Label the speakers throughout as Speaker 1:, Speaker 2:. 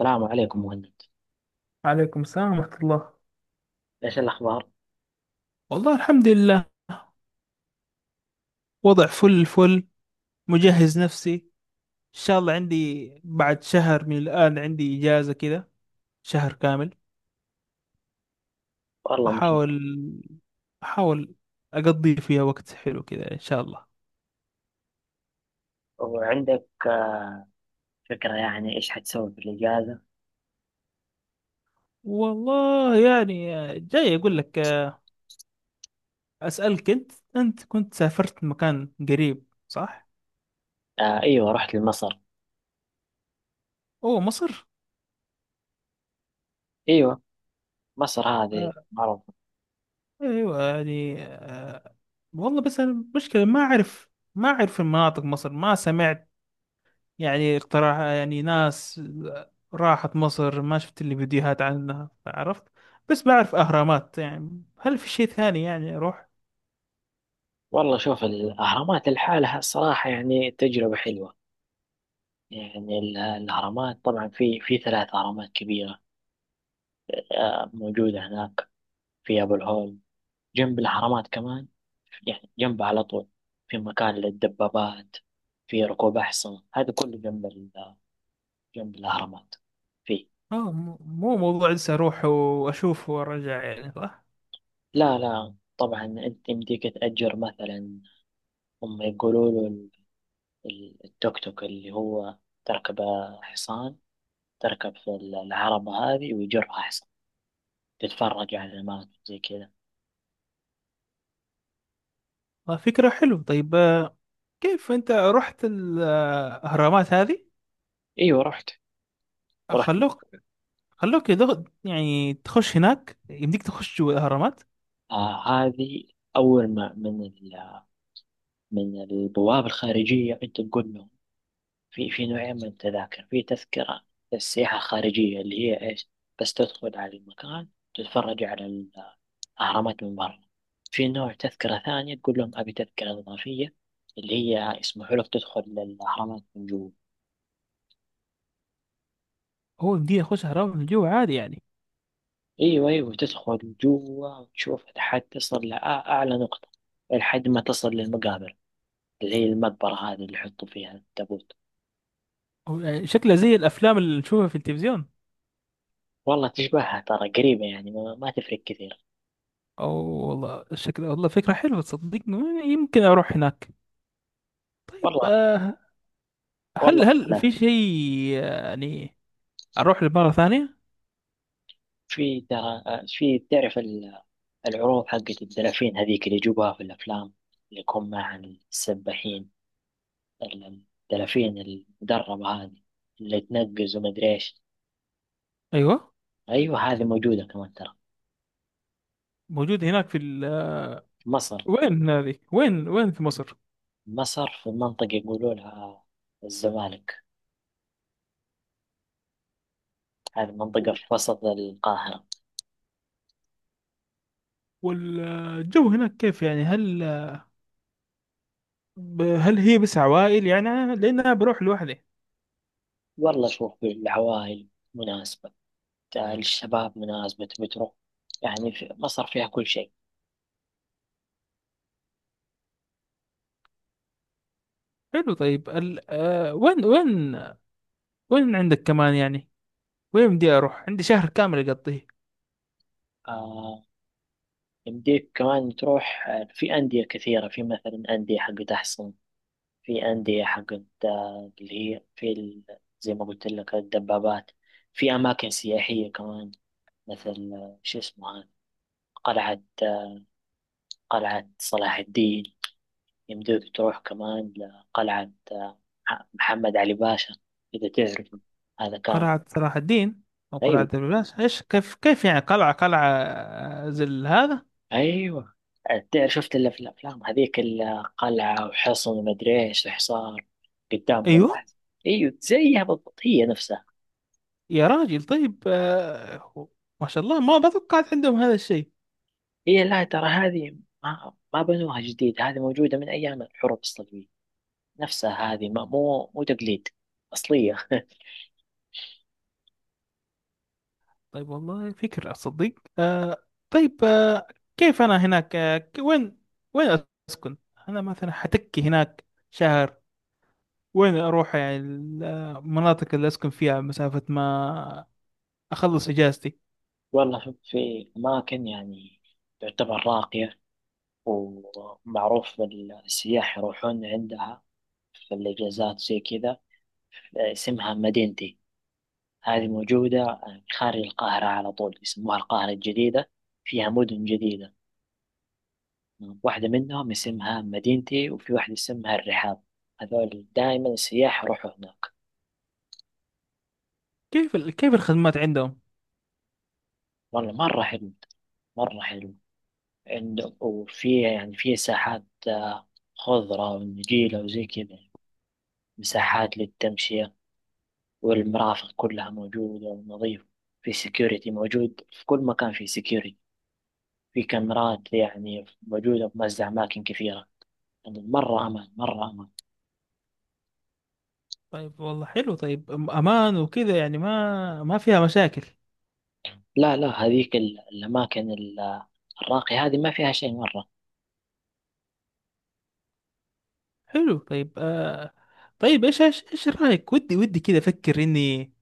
Speaker 1: السلام عليكم مهند.
Speaker 2: عليكم السلام ورحمة الله.
Speaker 1: ايش الاخبار؟
Speaker 2: والله، الحمد لله. وضع فل فل. مجهز نفسي، إن شاء الله عندي بعد شهر من الآن، عندي إجازة كذا، شهر كامل.
Speaker 1: والله مثل.
Speaker 2: أحاول أحاول أقضي فيها وقت حلو كذا، إن شاء الله.
Speaker 1: وعندك فكره يعني ايش حتسوي في الاجازه؟
Speaker 2: والله يعني، جاي أقول لك، أسألك. أنت كنت سافرت مكان قريب، صح؟
Speaker 1: آه ايوه، رحت لمصر.
Speaker 2: أوه، مصر.
Speaker 1: ايوه. مصر هذه
Speaker 2: آه،
Speaker 1: معروف.
Speaker 2: أيوة، يعني والله، بس أنا مشكلة، ما أعرف المناطق مصر، ما سمعت يعني اقتراح، يعني ناس راحت مصر، ما شفت اللي فيديوهات عنها، عرفت؟ بس بعرف أهرامات، يعني هل في شيء ثاني يعني أروح؟
Speaker 1: والله شوف الاهرامات لحالها الصراحه، يعني تجربه حلوه. يعني الاهرامات طبعا في ثلاث اهرامات كبيره. آه، موجوده هناك. في ابو الهول جنب الاهرامات كمان، يعني جنبها على طول. في مكان للدبابات، في ركوب احصنه. هذا كله جنب جنب الاهرامات، فيه.
Speaker 2: مو موضوع لسه أروح وأشوف وأرجع، يعني صح.
Speaker 1: لا لا طبعا انت يمديك تأجر مثلا. هم يقولوا له التوك توك اللي هو تركب حصان. تركب في العربة هذه ويجرها حصان. تتفرج على الماء زي كذا.
Speaker 2: فكرة حلوة. طيب، كيف أنت رحت الأهرامات هذه؟
Speaker 1: ايوه رحت ورحت.
Speaker 2: خلوك خلوك يعني تخش هناك؟ يمديك تخش جوا الأهرامات؟
Speaker 1: آه هذه اول ما من من البوابة الخارجية انت تقول لهم. في نوعين من التذاكر. في تذكرة للسياحة الخارجية اللي هي ايش؟ بس تدخل على المكان، تتفرج على غرامات من برا. في نوع تذكرة ثانية، تقول لهم أبي تذكرة إضافية اللي هي يسمحوا لك تدخل للأهرامات من جوا.
Speaker 2: هو يمديك يخش أهرامات من جوا عادي يعني؟
Speaker 1: أيوة أيوة، تدخل جوا وتشوف لحد تصل لأعلى نقطة، لحد ما تصل للمقابر اللي هي المقبرة هذه اللي يحطوا فيها التابوت.
Speaker 2: هو يعني شكله زي الأفلام اللي نشوفها في التلفزيون؟
Speaker 1: والله تشبهها ترى قريبة، يعني ما تفرق كثير.
Speaker 2: اه، والله الشكل، والله فكرة حلوة، تصدقني؟ يمكن اروح هناك. طيب،
Speaker 1: والله. والله
Speaker 2: هل
Speaker 1: لا.
Speaker 2: في شيء، يعني اروح لمرة ثانية؟
Speaker 1: في ترى، في تعرف العروض حقت الدلافين هذيك اللي يجيبوها في الأفلام اللي يكون معها السباحين الدلافين المدربة هذه اللي تنقز ومدري ايش.
Speaker 2: ايوه،
Speaker 1: ايوه، هذه موجودة كمان ترى.
Speaker 2: موجود هناك
Speaker 1: مصر.
Speaker 2: وين هذه، وين في مصر؟
Speaker 1: مصر في منطقة يقولوا لها الزمالك. هذه منطقة في وسط القاهرة.
Speaker 2: والجو هناك كيف، يعني هل هل هي بس عوائل؟ يعني لان انا بروح لوحدي.
Speaker 1: والله شوف، العوائل مناسبة، الشباب مناسبة بتروح. يعني في مصر فيها كل شيء.
Speaker 2: حلو، طيب وين عندك كمان يعني؟ وين بدي اروح؟ عندي شهر كامل اقضيه.
Speaker 1: آه، يمديك كمان تروح، في أندية كثيرة. في مثلا أندية حقت أحسن. في أندية حقت، اللي هي في زي ما قلت لك الدبابات. في أماكن سياحية كمان، مثل شو اسمها هذه؟ قلعة، قلعة صلاح الدين. يمديك تروح كمان لقلعة، محمد علي باشا، إذا تعرفه. هذا كان.
Speaker 2: قلعة صلاح الدين أو قلعة
Speaker 1: أيوة
Speaker 2: ببلاش، إيش؟ كيف يعني قلعة زي هذا؟
Speaker 1: أيوة. تعرف شفت إلا في الأفلام هذيك، القلعة وحصن ومدري إيش وحصار قدامهم.
Speaker 2: أيوه،
Speaker 1: أيوة زيها بالضبط، هي نفسها.
Speaker 2: يا راجل. طيب، ما شاء الله، ما بتوقعت عندهم هذا الشيء.
Speaker 1: هي لا ترى هذه ما بنوها جديد. هذه موجودة من أيام الحروب الصليبية، نفسها هذه. مو تقليد، أصلية.
Speaker 2: طيب، والله فكر أصدق. آه طيب، كيف أنا هناك، وين، وين أسكن؟ أنا مثلا حتكي هناك شهر، وين أروح يعني المناطق اللي أسكن فيها مسافة، ما أخلص إجازتي؟
Speaker 1: والله في أماكن يعني تعتبر راقية ومعروف السياح يروحون عندها في الإجازات زي كذا. اسمها مدينتي. هذه موجودة خارج القاهرة على طول، يسموها القاهرة الجديدة. فيها مدن جديدة، واحدة منهم اسمها مدينتي، وفي واحدة اسمها الرحاب. هذول دائما السياح يروحوا هناك.
Speaker 2: كيف كيف الخدمات عندهم؟
Speaker 1: والله مرة حلو مرة حلو. وفي يعني في ساحات خضرة ونجيلة وزي كذا، مساحات للتمشية. والمرافق كلها موجودة ونظيفة. في سكيورتي موجود في كل مكان، في سكيورتي، في كاميرات يعني موجودة في مزة أماكن كثيرة. يعني مرة أمان مرة أمان.
Speaker 2: طيب، والله حلو. طيب امان وكده يعني؟ ما فيها مشاكل؟
Speaker 1: لا لا، هذيك الأماكن الراقية هذه ما فيها شيء مرة.
Speaker 2: حلو. طيب طيب، ايش رايك؟ ودي كده افكر اني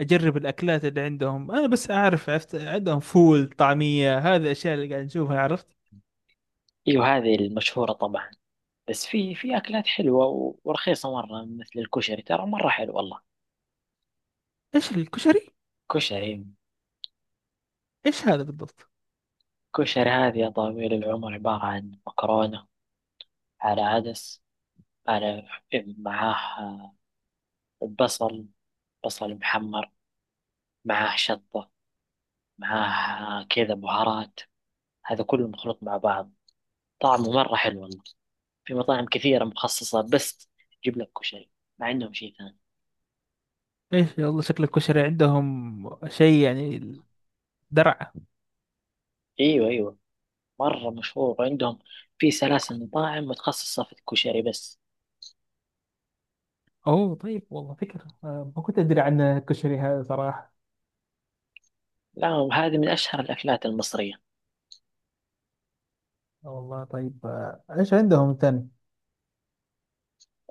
Speaker 2: اجرب الاكلات اللي عندهم. انا بس اعرف، عرفت عندهم فول، طعميه، هذه الاشياء اللي قاعد نشوفها، عرفت؟
Speaker 1: أيوة هذه المشهورة طبعا. بس في أكلات حلوة ورخيصة مرة، مثل الكشري ترى مرة حلو والله.
Speaker 2: ايش الكشري؟
Speaker 1: كشري.
Speaker 2: ايش هذا بالضبط؟
Speaker 1: كشري هذه يا طويل العمر عبارة عن مكرونة، على عدس، على، معاه بصل، بصل محمر، معاه شطة، معاه كذا بهارات. هذا كله مخلوط مع بعض. طعمه مرة حلو والله. في مطاعم كثيرة مخصصة بس تجيب لك كشري، ما عندهم شيء ثاني.
Speaker 2: ايش، والله شكل الكشري عندهم شيء يعني درعه.
Speaker 1: ايوه ايوه، مرة مشهور عندهم. في سلاسل مطاعم متخصصة في الكشري بس.
Speaker 2: اوه، طيب والله فكره. ما كنت ادري عن الكشري هذا صراحه.
Speaker 1: لا هذه من أشهر الأكلات المصرية.
Speaker 2: والله طيب. ايش عندهم ثاني؟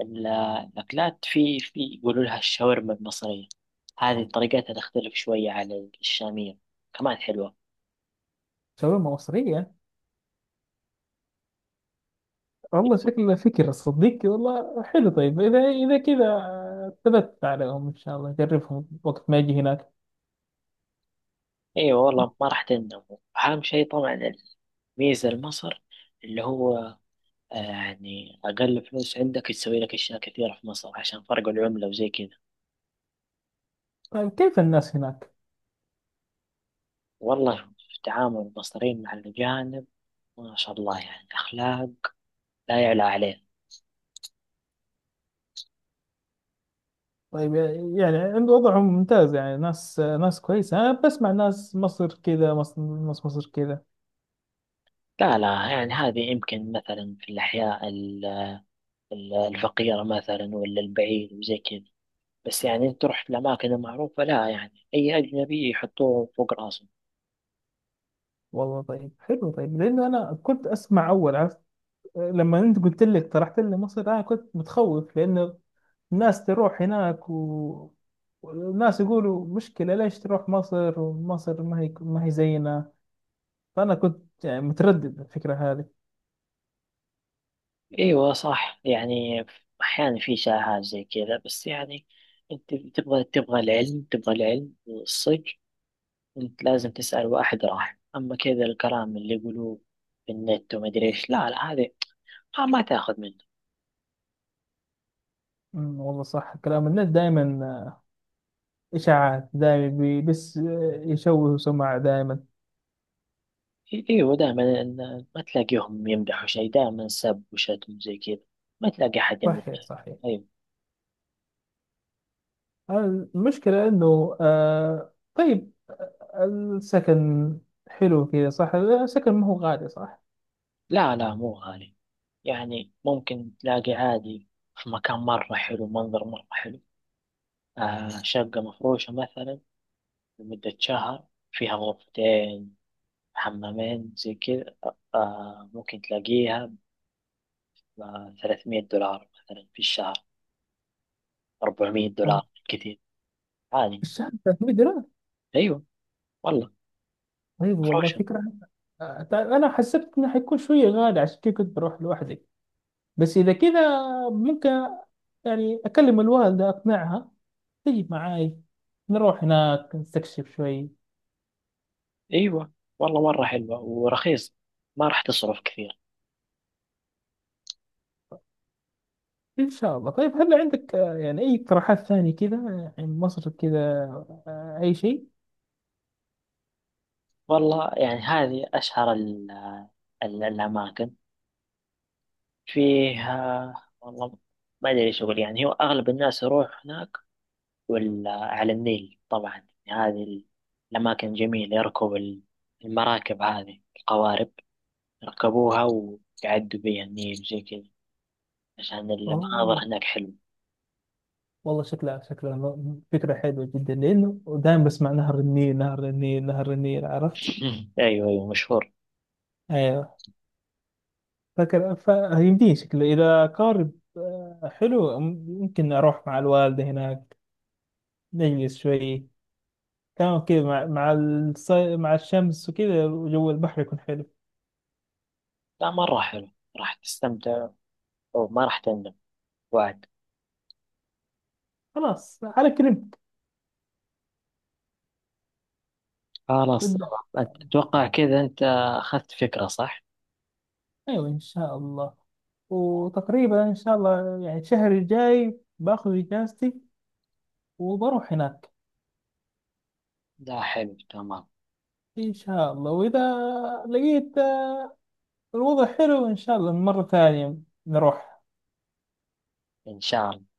Speaker 1: ال- الأكلات، في يقولوا لها الشاورما المصرية. هذه طريقتها تختلف شوية عن الشامية، كمان حلوة.
Speaker 2: شاورما مصريه؟ والله شكله فكرة صديقي، والله حلو. طيب إذا كذا ثبت عليهم إن شاء الله أجربهم وقت ما أجي هناك.
Speaker 1: أيوة والله ما راح تندم. أهم شيء طبعا الميزة لمصر اللي هو، يعني أقل فلوس عندك يسوي لك أشياء كثيرة في مصر، عشان فرق العملة وزي كذا.
Speaker 2: طيب كيف الناس هناك؟
Speaker 1: والله في تعامل المصريين مع الأجانب، ما شاء الله يعني أخلاق لا يعلى عليه.
Speaker 2: طيب يعني عند وضعهم ممتاز، يعني ناس كويسة. أنا بسمع ناس مصر كذا، مصر، ناس مصر كذا.
Speaker 1: لا لا، يعني هذه يمكن مثلا في الأحياء الفقيرة مثلا، ولا البعيد وزي كذا، بس يعني انت رحت لأماكن معروفة، لا يعني أي أجنبي يحطوه فوق راسهم.
Speaker 2: والله طيب حلو. طيب لأنه أنا كنت أسمع أول، عرفت، لما أنت قلت لي، اقترحت لي مصر، أنا كنت متخوف، لأنه الناس تروح هناك والناس يقولوا مشكلة، ليش تروح مصر؟ ومصر ما هي زينا. فأنا كنت يعني متردد على الفكرة هذه.
Speaker 1: أيوة صح، يعني أحيانا في شائعات زي كذا، بس يعني انت تبغى العلم والصدق. انت لازم تسأل واحد راح أما كذا الكلام اللي يقولوه في النت ومدري ايش. لا لا هذه ما تاخذ منه.
Speaker 2: والله صح، كلام الناس دائما إشاعات. دائما بس يشوهوا سمعة دائما.
Speaker 1: ايوه دائما، ما تلاقيهم يمدحوا شيء، دائما سب وشتم زي كذا. ما تلاقي أحد يمدح.
Speaker 2: صحيح، صحيح.
Speaker 1: أيوة.
Speaker 2: المشكلة إنه، طيب، السكن حلو كذا صح؟ السكن ما هو غالي صح؟
Speaker 1: لا لا مو غالي. يعني ممكن تلاقي عادي، في مكان مرة حلو، منظر مرة حلو. آه شقة مفروشة مثلا لمدة شهر، فيها غرفتين حمامين زي كذا. آه ممكن تلاقيها ب 300 دولار مثلا في الشهر. 400
Speaker 2: آه،
Speaker 1: دولار كثير. عادي.
Speaker 2: الشهر 300 دولار؟
Speaker 1: أيوة والله
Speaker 2: طيب والله
Speaker 1: مفروشة.
Speaker 2: فكرة. أنا حسبت إنه حيكون شوية غالي، عشان كذا كنت بروح لوحدي. بس إذا كذا ممكن يعني أكلم الوالدة، أقنعها تجي معاي، نروح هناك نستكشف شوي.
Speaker 1: أيوة والله مرة حلوة ورخيص، ما راح تصرف كثير.
Speaker 2: إن شاء الله. طيب هل عندك يعني أي اقتراحات ثانية كذا، يعني مصر كذا، أي شيء؟
Speaker 1: والله يعني هذه أشهر الأماكن فيه. والله ما أدري إيش أقول. يعني هو أغلب الناس يروح هناك ولا على النيل طبعا، يعني هذه الأماكن جميلة. يركب المراكب هذه القوارب، يركبوها ويعدوا بيها النيل زي كذا، عشان المناظر
Speaker 2: أوه،
Speaker 1: هناك حلوة.
Speaker 2: والله شكلها، فكرة حلوة جدا، لأنه دائما بسمع نهر النيل، نهر النيل، نهر النيل، عرفت؟
Speaker 1: أيوه أيوه مشهور.
Speaker 2: أيوه. فكر، فيمديني شكله إذا قارب. حلو، ممكن أروح مع الوالدة هناك، نجلس شوي كمان كذا، مع مع الشمس وكذا، وجو البحر يكون حلو.
Speaker 1: لا مرة حلو، راح تستمتع وما راح تندم. وعد.
Speaker 2: خلاص، على كلمة.
Speaker 1: خلاص
Speaker 2: بالدعم إن
Speaker 1: تمام.
Speaker 2: شاء الله.
Speaker 1: أتوقع كذا. أنت أخذت فكرة صح؟
Speaker 2: أيوة إن شاء الله. وتقريبا إن شاء الله يعني الشهر الجاي باخذ إجازتي وبروح هناك.
Speaker 1: لا حلو تمام،
Speaker 2: إن شاء الله، وإذا لقيت الوضع حلو إن شاء الله مرة ثانية نروح.
Speaker 1: إن شاء الله.